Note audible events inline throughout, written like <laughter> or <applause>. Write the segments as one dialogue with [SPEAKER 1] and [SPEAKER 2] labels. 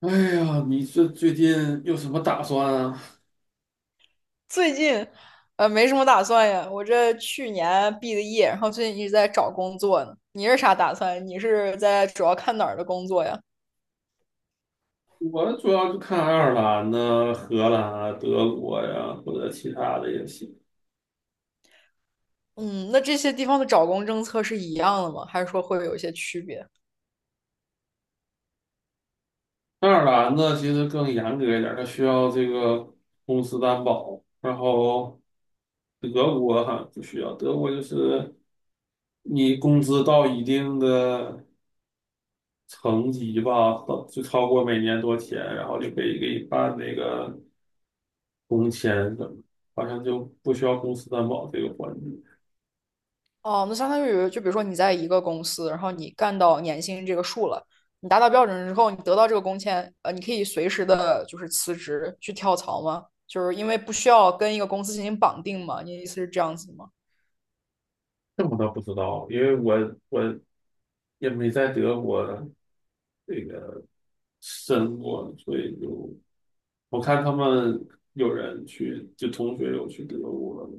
[SPEAKER 1] 哎呀，你这最近有什么打算啊？
[SPEAKER 2] 最近没什么打算呀，我这去年毕的业，然后最近一直在找工作呢。你是啥打算？你是在主要看哪儿的工作呀？
[SPEAKER 1] 我主要就看爱尔兰呢、荷兰啊、德国呀，或者其他的也行。
[SPEAKER 2] 嗯，那这些地方的找工政策是一样的吗？还是说会有一些区别？
[SPEAKER 1] 爱尔兰呢，其实更严格一点儿，它需要这个公司担保。然后德国哈不需要，德国就是你工资到一定的层级吧，到就超过每年多钱，然后就可以给你办那个工签什么，好像就不需要公司担保这个环节。
[SPEAKER 2] 哦，那相当于就比如说你在一个公司，然后你干到年薪这个数了，你达到标准之后，你得到这个工签，你可以随时的就是辞职去跳槽吗？就是因为不需要跟一个公司进行绑定嘛？你的意思是这样子吗？
[SPEAKER 1] 这我倒不知道，因为我也没在德国这个申过，所以就我看他们有人去，就同学有去德国。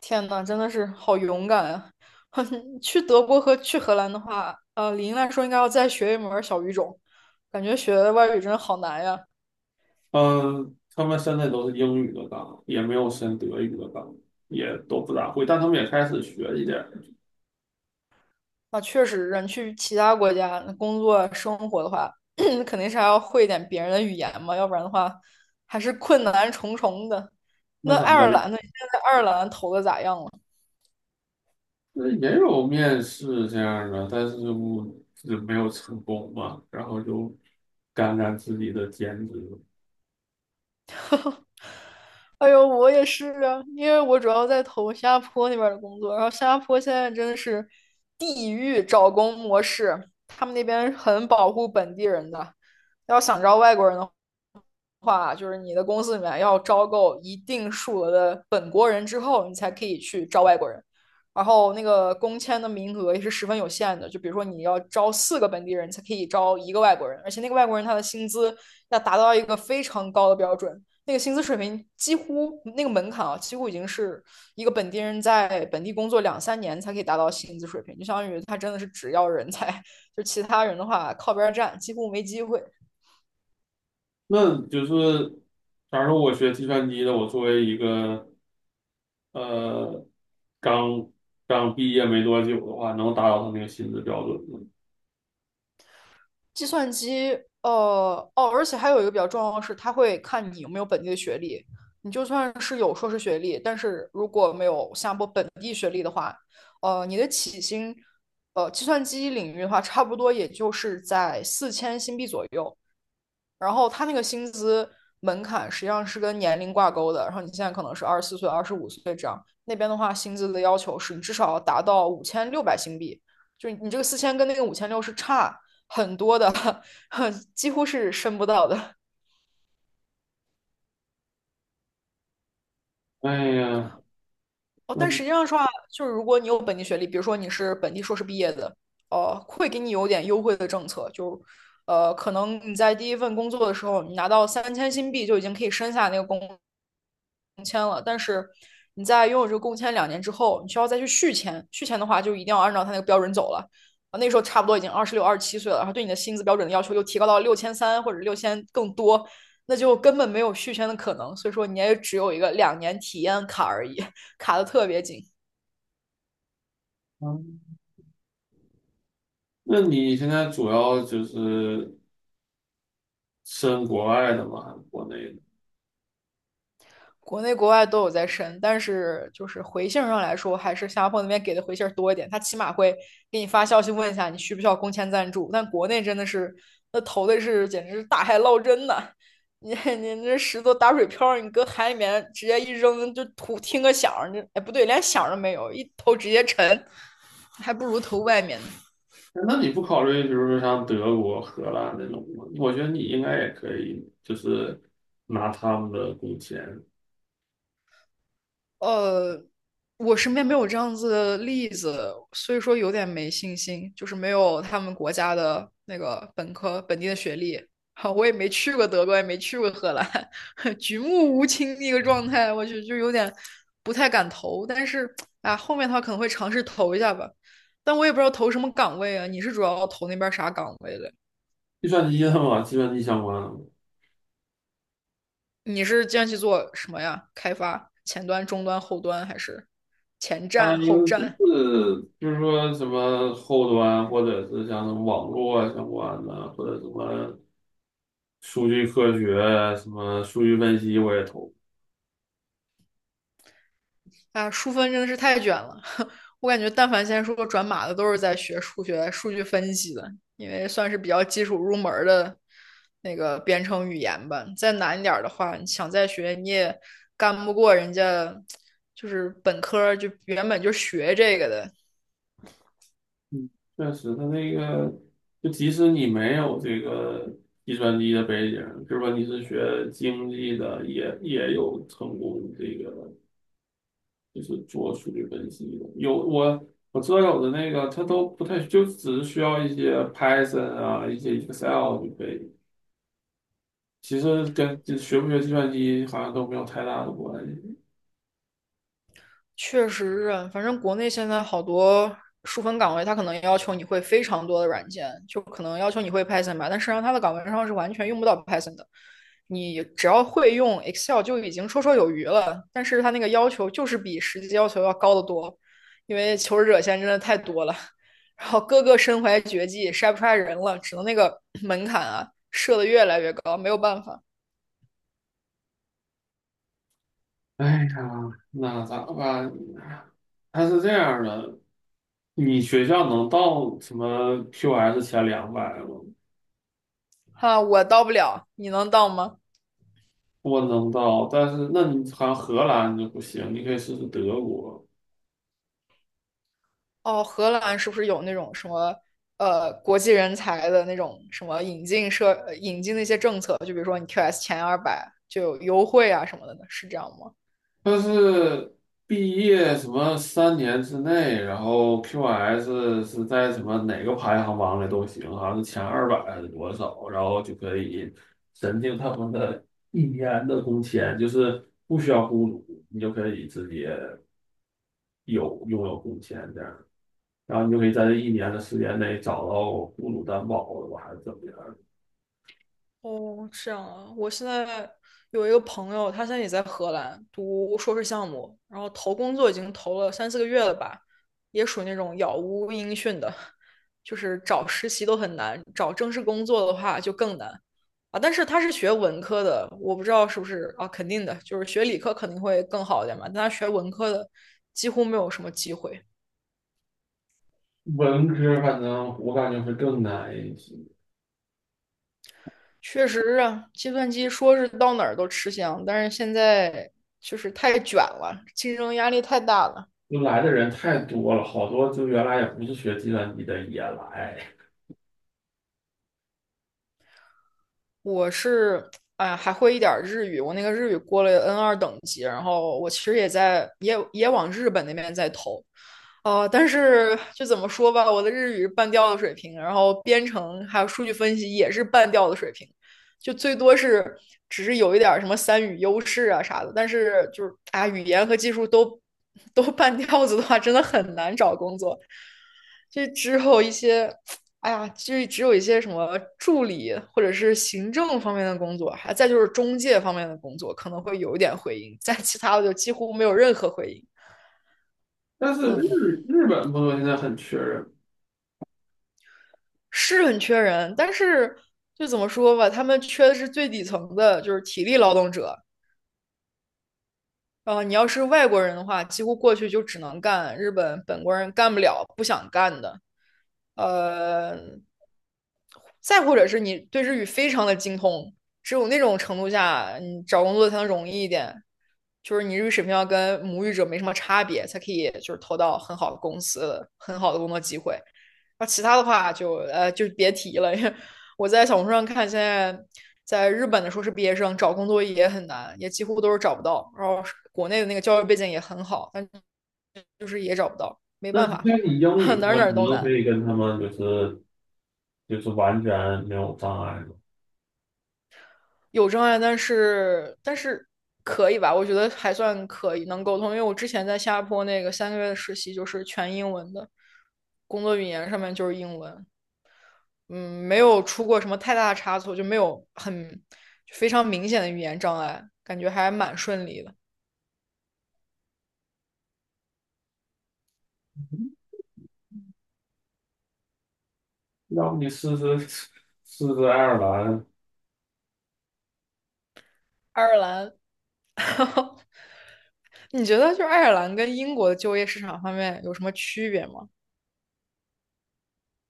[SPEAKER 2] 天呐，真的是好勇敢啊！<laughs> 去德国和去荷兰的话，理应来说应该要再学一门儿小语种，感觉学外语真的好难呀。
[SPEAKER 1] 嗯，他们现在都是英语的岗，也没有申德语的岗，也都不咋会，但他们也开始学一点儿。
[SPEAKER 2] 啊，确实，人去其他国家工作生活的话，<clears throat> 肯定是还要会一点别人的语言嘛，要不然的话还是困难重重的。
[SPEAKER 1] 那
[SPEAKER 2] 那
[SPEAKER 1] 咱
[SPEAKER 2] 爱尔
[SPEAKER 1] 们
[SPEAKER 2] 兰呢？你现在在爱尔兰投的咋样了？
[SPEAKER 1] 那也有面试这样的，但是我就没有成功嘛，然后就干干自己的兼职。
[SPEAKER 2] 哎呦，我也是啊，因为我主要在投新加坡那边的工作，然后新加坡现在真的是地狱找工模式，他们那边很保护本地人的，要想招外国人的话，就是你的公司里面要招够一定数额的本国人之后，你才可以去招外国人。然后那个工签的名额也是十分有限的，就比如说你要招四个本地人才可以招一个外国人，而且那个外国人他的薪资要达到一个非常高的标准，那个薪资水平几乎那个门槛啊，几乎已经是一个本地人在本地工作两三年才可以达到薪资水平，就相当于他真的是只要人才，就其他人的话靠边站，几乎没机会。
[SPEAKER 1] 那就是，假如说我学计算机的，我作为一个呃刚刚毕业没多久的话，能达到他那个薪资标准吗？
[SPEAKER 2] 计算机，哦，而且还有一个比较重要的是，它会看你有没有本地的学历。你就算是有硕士学历，但是如果没有新加坡本地，你的起薪，计算机领域的话，差不多也就是在4000新币左右。然后他那个薪资门槛实际上是跟年龄挂钩的，然后你现在可能是24岁、25岁这样，那边的话薪资的要求是你至少要达到5600新币，就是你这个四千跟那个五千六是差很多的，<laughs> 几乎是升不到的。
[SPEAKER 1] 哎呀，
[SPEAKER 2] 哦，
[SPEAKER 1] 那
[SPEAKER 2] 但实际上说啊，就是如果你有本地学历，比如说你是本地硕士毕业的，会给你有点优惠的政策，就可能你在第一份工作的时候，你拿到3000新币就已经可以申下那个工签了，但是你在拥有这个工签两年之后，你需要再去续签，续签的话就一定要按照他那个标准走了。啊，那时候差不多已经26、27岁了，然后对你的薪资标准的要求又提高到6300或者六千更多，那就根本没有续签的可能，所以说你也只有一个2年体验卡而已。卡的特别紧。
[SPEAKER 1] 嗯那你现在主要就是申国外的吗？还是国内的？
[SPEAKER 2] 国内国外都有在申，但是就是回信上来说，还是新加坡那边给的回信多一点，他起码会给你发消息问一下你需不需要工签赞助。但国内真的是那投的是简直是大海捞针呐、啊你 <laughs> 你这石头打水漂，你搁海里面直接一扔就图听个响哎不对，连响都没有，一投直接沉，还不如投外面呢。
[SPEAKER 1] 哎那你不考虑，比如说像德国、荷兰那种吗？我觉得你应该也可以，就是拿他们的工钱。
[SPEAKER 2] 呃，我身边没有这样子的例子，所以说有点没信心，就是没有他们国家的那个本科本地的学历。<laughs> 哈，我也没去过德国，也没去过荷兰，<laughs> 举目无亲那个状态，我就有点不太敢投。但是啊，后面他可能会尝试投一下吧，但我也不知道投什么岗位啊。你是主要投那边啥岗位的？
[SPEAKER 1] 计算机的嘛，计算机相关的。
[SPEAKER 2] 你是这去做什么呀？开发前端、中端、后端，还是前
[SPEAKER 1] 它
[SPEAKER 2] 站、后
[SPEAKER 1] 有就
[SPEAKER 2] 站？
[SPEAKER 1] 是就是说什么后端，或者是像什么网络啊相关的，或者什么数据科学啊、什么数据分析，我也投。
[SPEAKER 2] 啊，数分真的是太卷了。<laughs> 我感觉，但凡现在说转码的，都是在学数学、数据分析的，因为算是比较基础入门的那个编程语言吧。再难一点的话，你想再学，你也干不过人家，就是本科就原本就学这个的，
[SPEAKER 1] 嗯，确实，它那个就即使你没有这个计算机的背景，是说你是学经济的，也有成功这个就是做数据分析的。有我知道有的那个他都不太，就只是需要一些 Python 啊，一些 Excel 就可以。其实跟这学不学计算机好像都没有太大的关系。
[SPEAKER 2] 确实是，反正国内现在好多数分岗位，他可能要求你会非常多的软件，就可能要求你会 Python 吧，但实际上他的岗位上是完全用不到 Python 的。你只要会用 Excel 就已经绰绰有余了，但是他那个要求就是比实际要求要高得多，因为求职者现在真的太多了，然后个个身怀绝技，筛不出来人了，只能那个门槛啊设的越来越高，没有办法
[SPEAKER 1] 哎呀，那咋办？它是这样的，你学校能到什么 QS 前200吗？
[SPEAKER 2] 哈，我到不了，你能到吗？
[SPEAKER 1] 我能到，但是那你好像荷兰就不行，你可以试试德国。
[SPEAKER 2] 哦，荷兰是不是有那种什么国际人才的那种什么引进那些政策？就比如说你 QS 前200就有优惠啊什么的呢？是这样吗？
[SPEAKER 1] 它是毕业什么3年之内，然后 QS 是在什么哪个排行榜里都行，好像是前200还是多少，然后就可以申请他们的 <laughs> 一年的工签，就是不需要雇主，你就可以直接有拥有工签这样，然后你就可以在这一年的时间内找到雇主担保了吧，还是怎么样？
[SPEAKER 2] 哦，这样啊！我现在有一个朋友，他现在也在荷兰读硕士项目，然后投工作已经投了3、4个月了吧，也属于那种杳无音讯的，就是找实习都很难，找正式工作的话就更难啊。但是他是学文科的，我不知道是不是啊，肯定的，就是学理科肯定会更好一点嘛，但他学文科的几乎没有什么机会。
[SPEAKER 1] 文科反正我感觉会更难一些。
[SPEAKER 2] 确实啊，计算机说是到哪儿都吃香，但是现在就是太卷了，竞争压力太大了。
[SPEAKER 1] 就来的人太多了，好多就原来也不是学计算机的也来。
[SPEAKER 2] 我是，哎呀，还会一点儿日语，我那个日语过了 N2等级，然后我其实也在也往日本那边在投，但是就怎么说吧，我的日语是半吊子水平，然后编程还有数据分析也是半吊子水平，就最多是只是有一点儿什么三语优势啊啥的，但是就是啊，语言和技术都半吊子的话，真的很难找工作。这之后一些哎呀，就是只有一些什么助理或者是行政方面的工作，还再就是中介方面的工作可能会有一点回音，在其他的就几乎没有任何回音。
[SPEAKER 1] 但是
[SPEAKER 2] 嗯，
[SPEAKER 1] 日本朋友现在很缺人。
[SPEAKER 2] 是很缺人，但是就怎么说吧，他们缺的是最底层的，就是体力劳动者，你要是外国人的话，几乎过去就只能干日本本国人干不了、不想干的。呃，再或者是你对日语非常的精通，只有那种程度下，你找工作才能容易一点。就是你日语水平要跟母语者没什么差别，才可以就是投到很好的公司、很好的工作机会。那其他的话就别提了，我在小红书上看，现在在日本的硕士毕业生找工作也很难，也几乎都是找不到。然后国内的那个教育背景也很好，但就是也找不到，没
[SPEAKER 1] 那
[SPEAKER 2] 办法，
[SPEAKER 1] 那你英语
[SPEAKER 2] <laughs>
[SPEAKER 1] 的
[SPEAKER 2] 哪儿
[SPEAKER 1] 话，
[SPEAKER 2] 哪儿
[SPEAKER 1] 你
[SPEAKER 2] 都
[SPEAKER 1] 就可
[SPEAKER 2] 难，
[SPEAKER 1] 以跟他们就是就是完全没有障碍嘛。
[SPEAKER 2] 有障碍，但是可以吧？我觉得还算可以，能沟通。因为我之前在新加坡那个3个月的实习就是全英文的，工作语言上面就是英文，嗯，没有出过什么太大的差错，就没有很非常明显的语言障碍，感觉还蛮顺利的。
[SPEAKER 1] 要不你试试爱尔兰。
[SPEAKER 2] 爱尔兰。<laughs> 你觉得就是爱尔兰跟英国的就业市场方面有什么区别吗？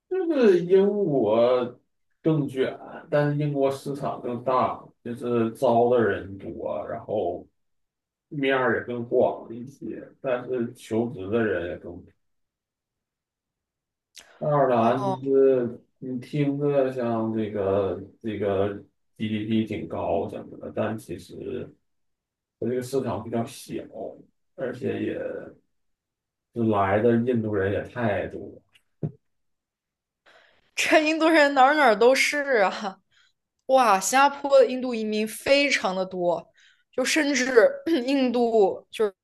[SPEAKER 1] 就是英国更卷，但是英国市场更大，就是招的人多，然后面儿也更广一些，但是求职的人也更。爱尔兰就
[SPEAKER 2] 哦，
[SPEAKER 1] 是你听着像这个 GDP 挺高什么的，但其实它这个市场比较小，而且也就来的印度人也太多了。
[SPEAKER 2] <laughs> 这印度人哪儿哪儿都是啊！哇，新加坡的印度移民非常的多，就甚至 <clears throat> 印度就是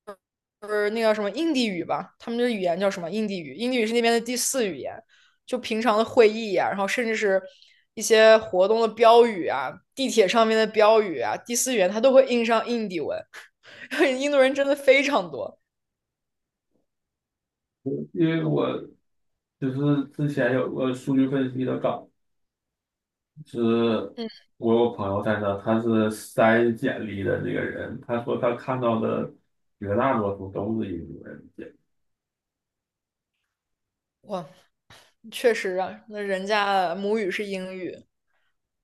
[SPEAKER 2] 就是那个什么印地语吧，他们的语言叫什么印地语？印地语是那边的第四语言。就平常的会议呀、然后甚至是一些活动的标语啊，地铁上面的标语啊，第四语言它都会印上印地文，<laughs> 印度人真的非常多。
[SPEAKER 1] 因为我就是之前有个数据分析的岗，是我有朋友在那，他是筛简历的这个人，他说他看到的绝大多数都是印度人简历。
[SPEAKER 2] 哇，确实啊，那人家母语是英语，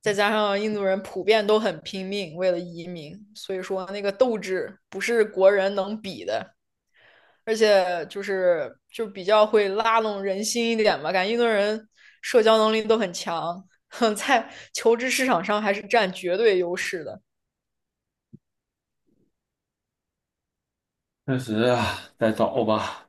[SPEAKER 2] 再加上印度人普遍都很拼命，为了移民，所以说那个斗志不是国人能比的，而且就是就比较会拉拢人心一点吧，感觉印度人社交能力都很强，<laughs> 在求职市场上还是占绝对优势的。
[SPEAKER 1] 确实啊，再找吧。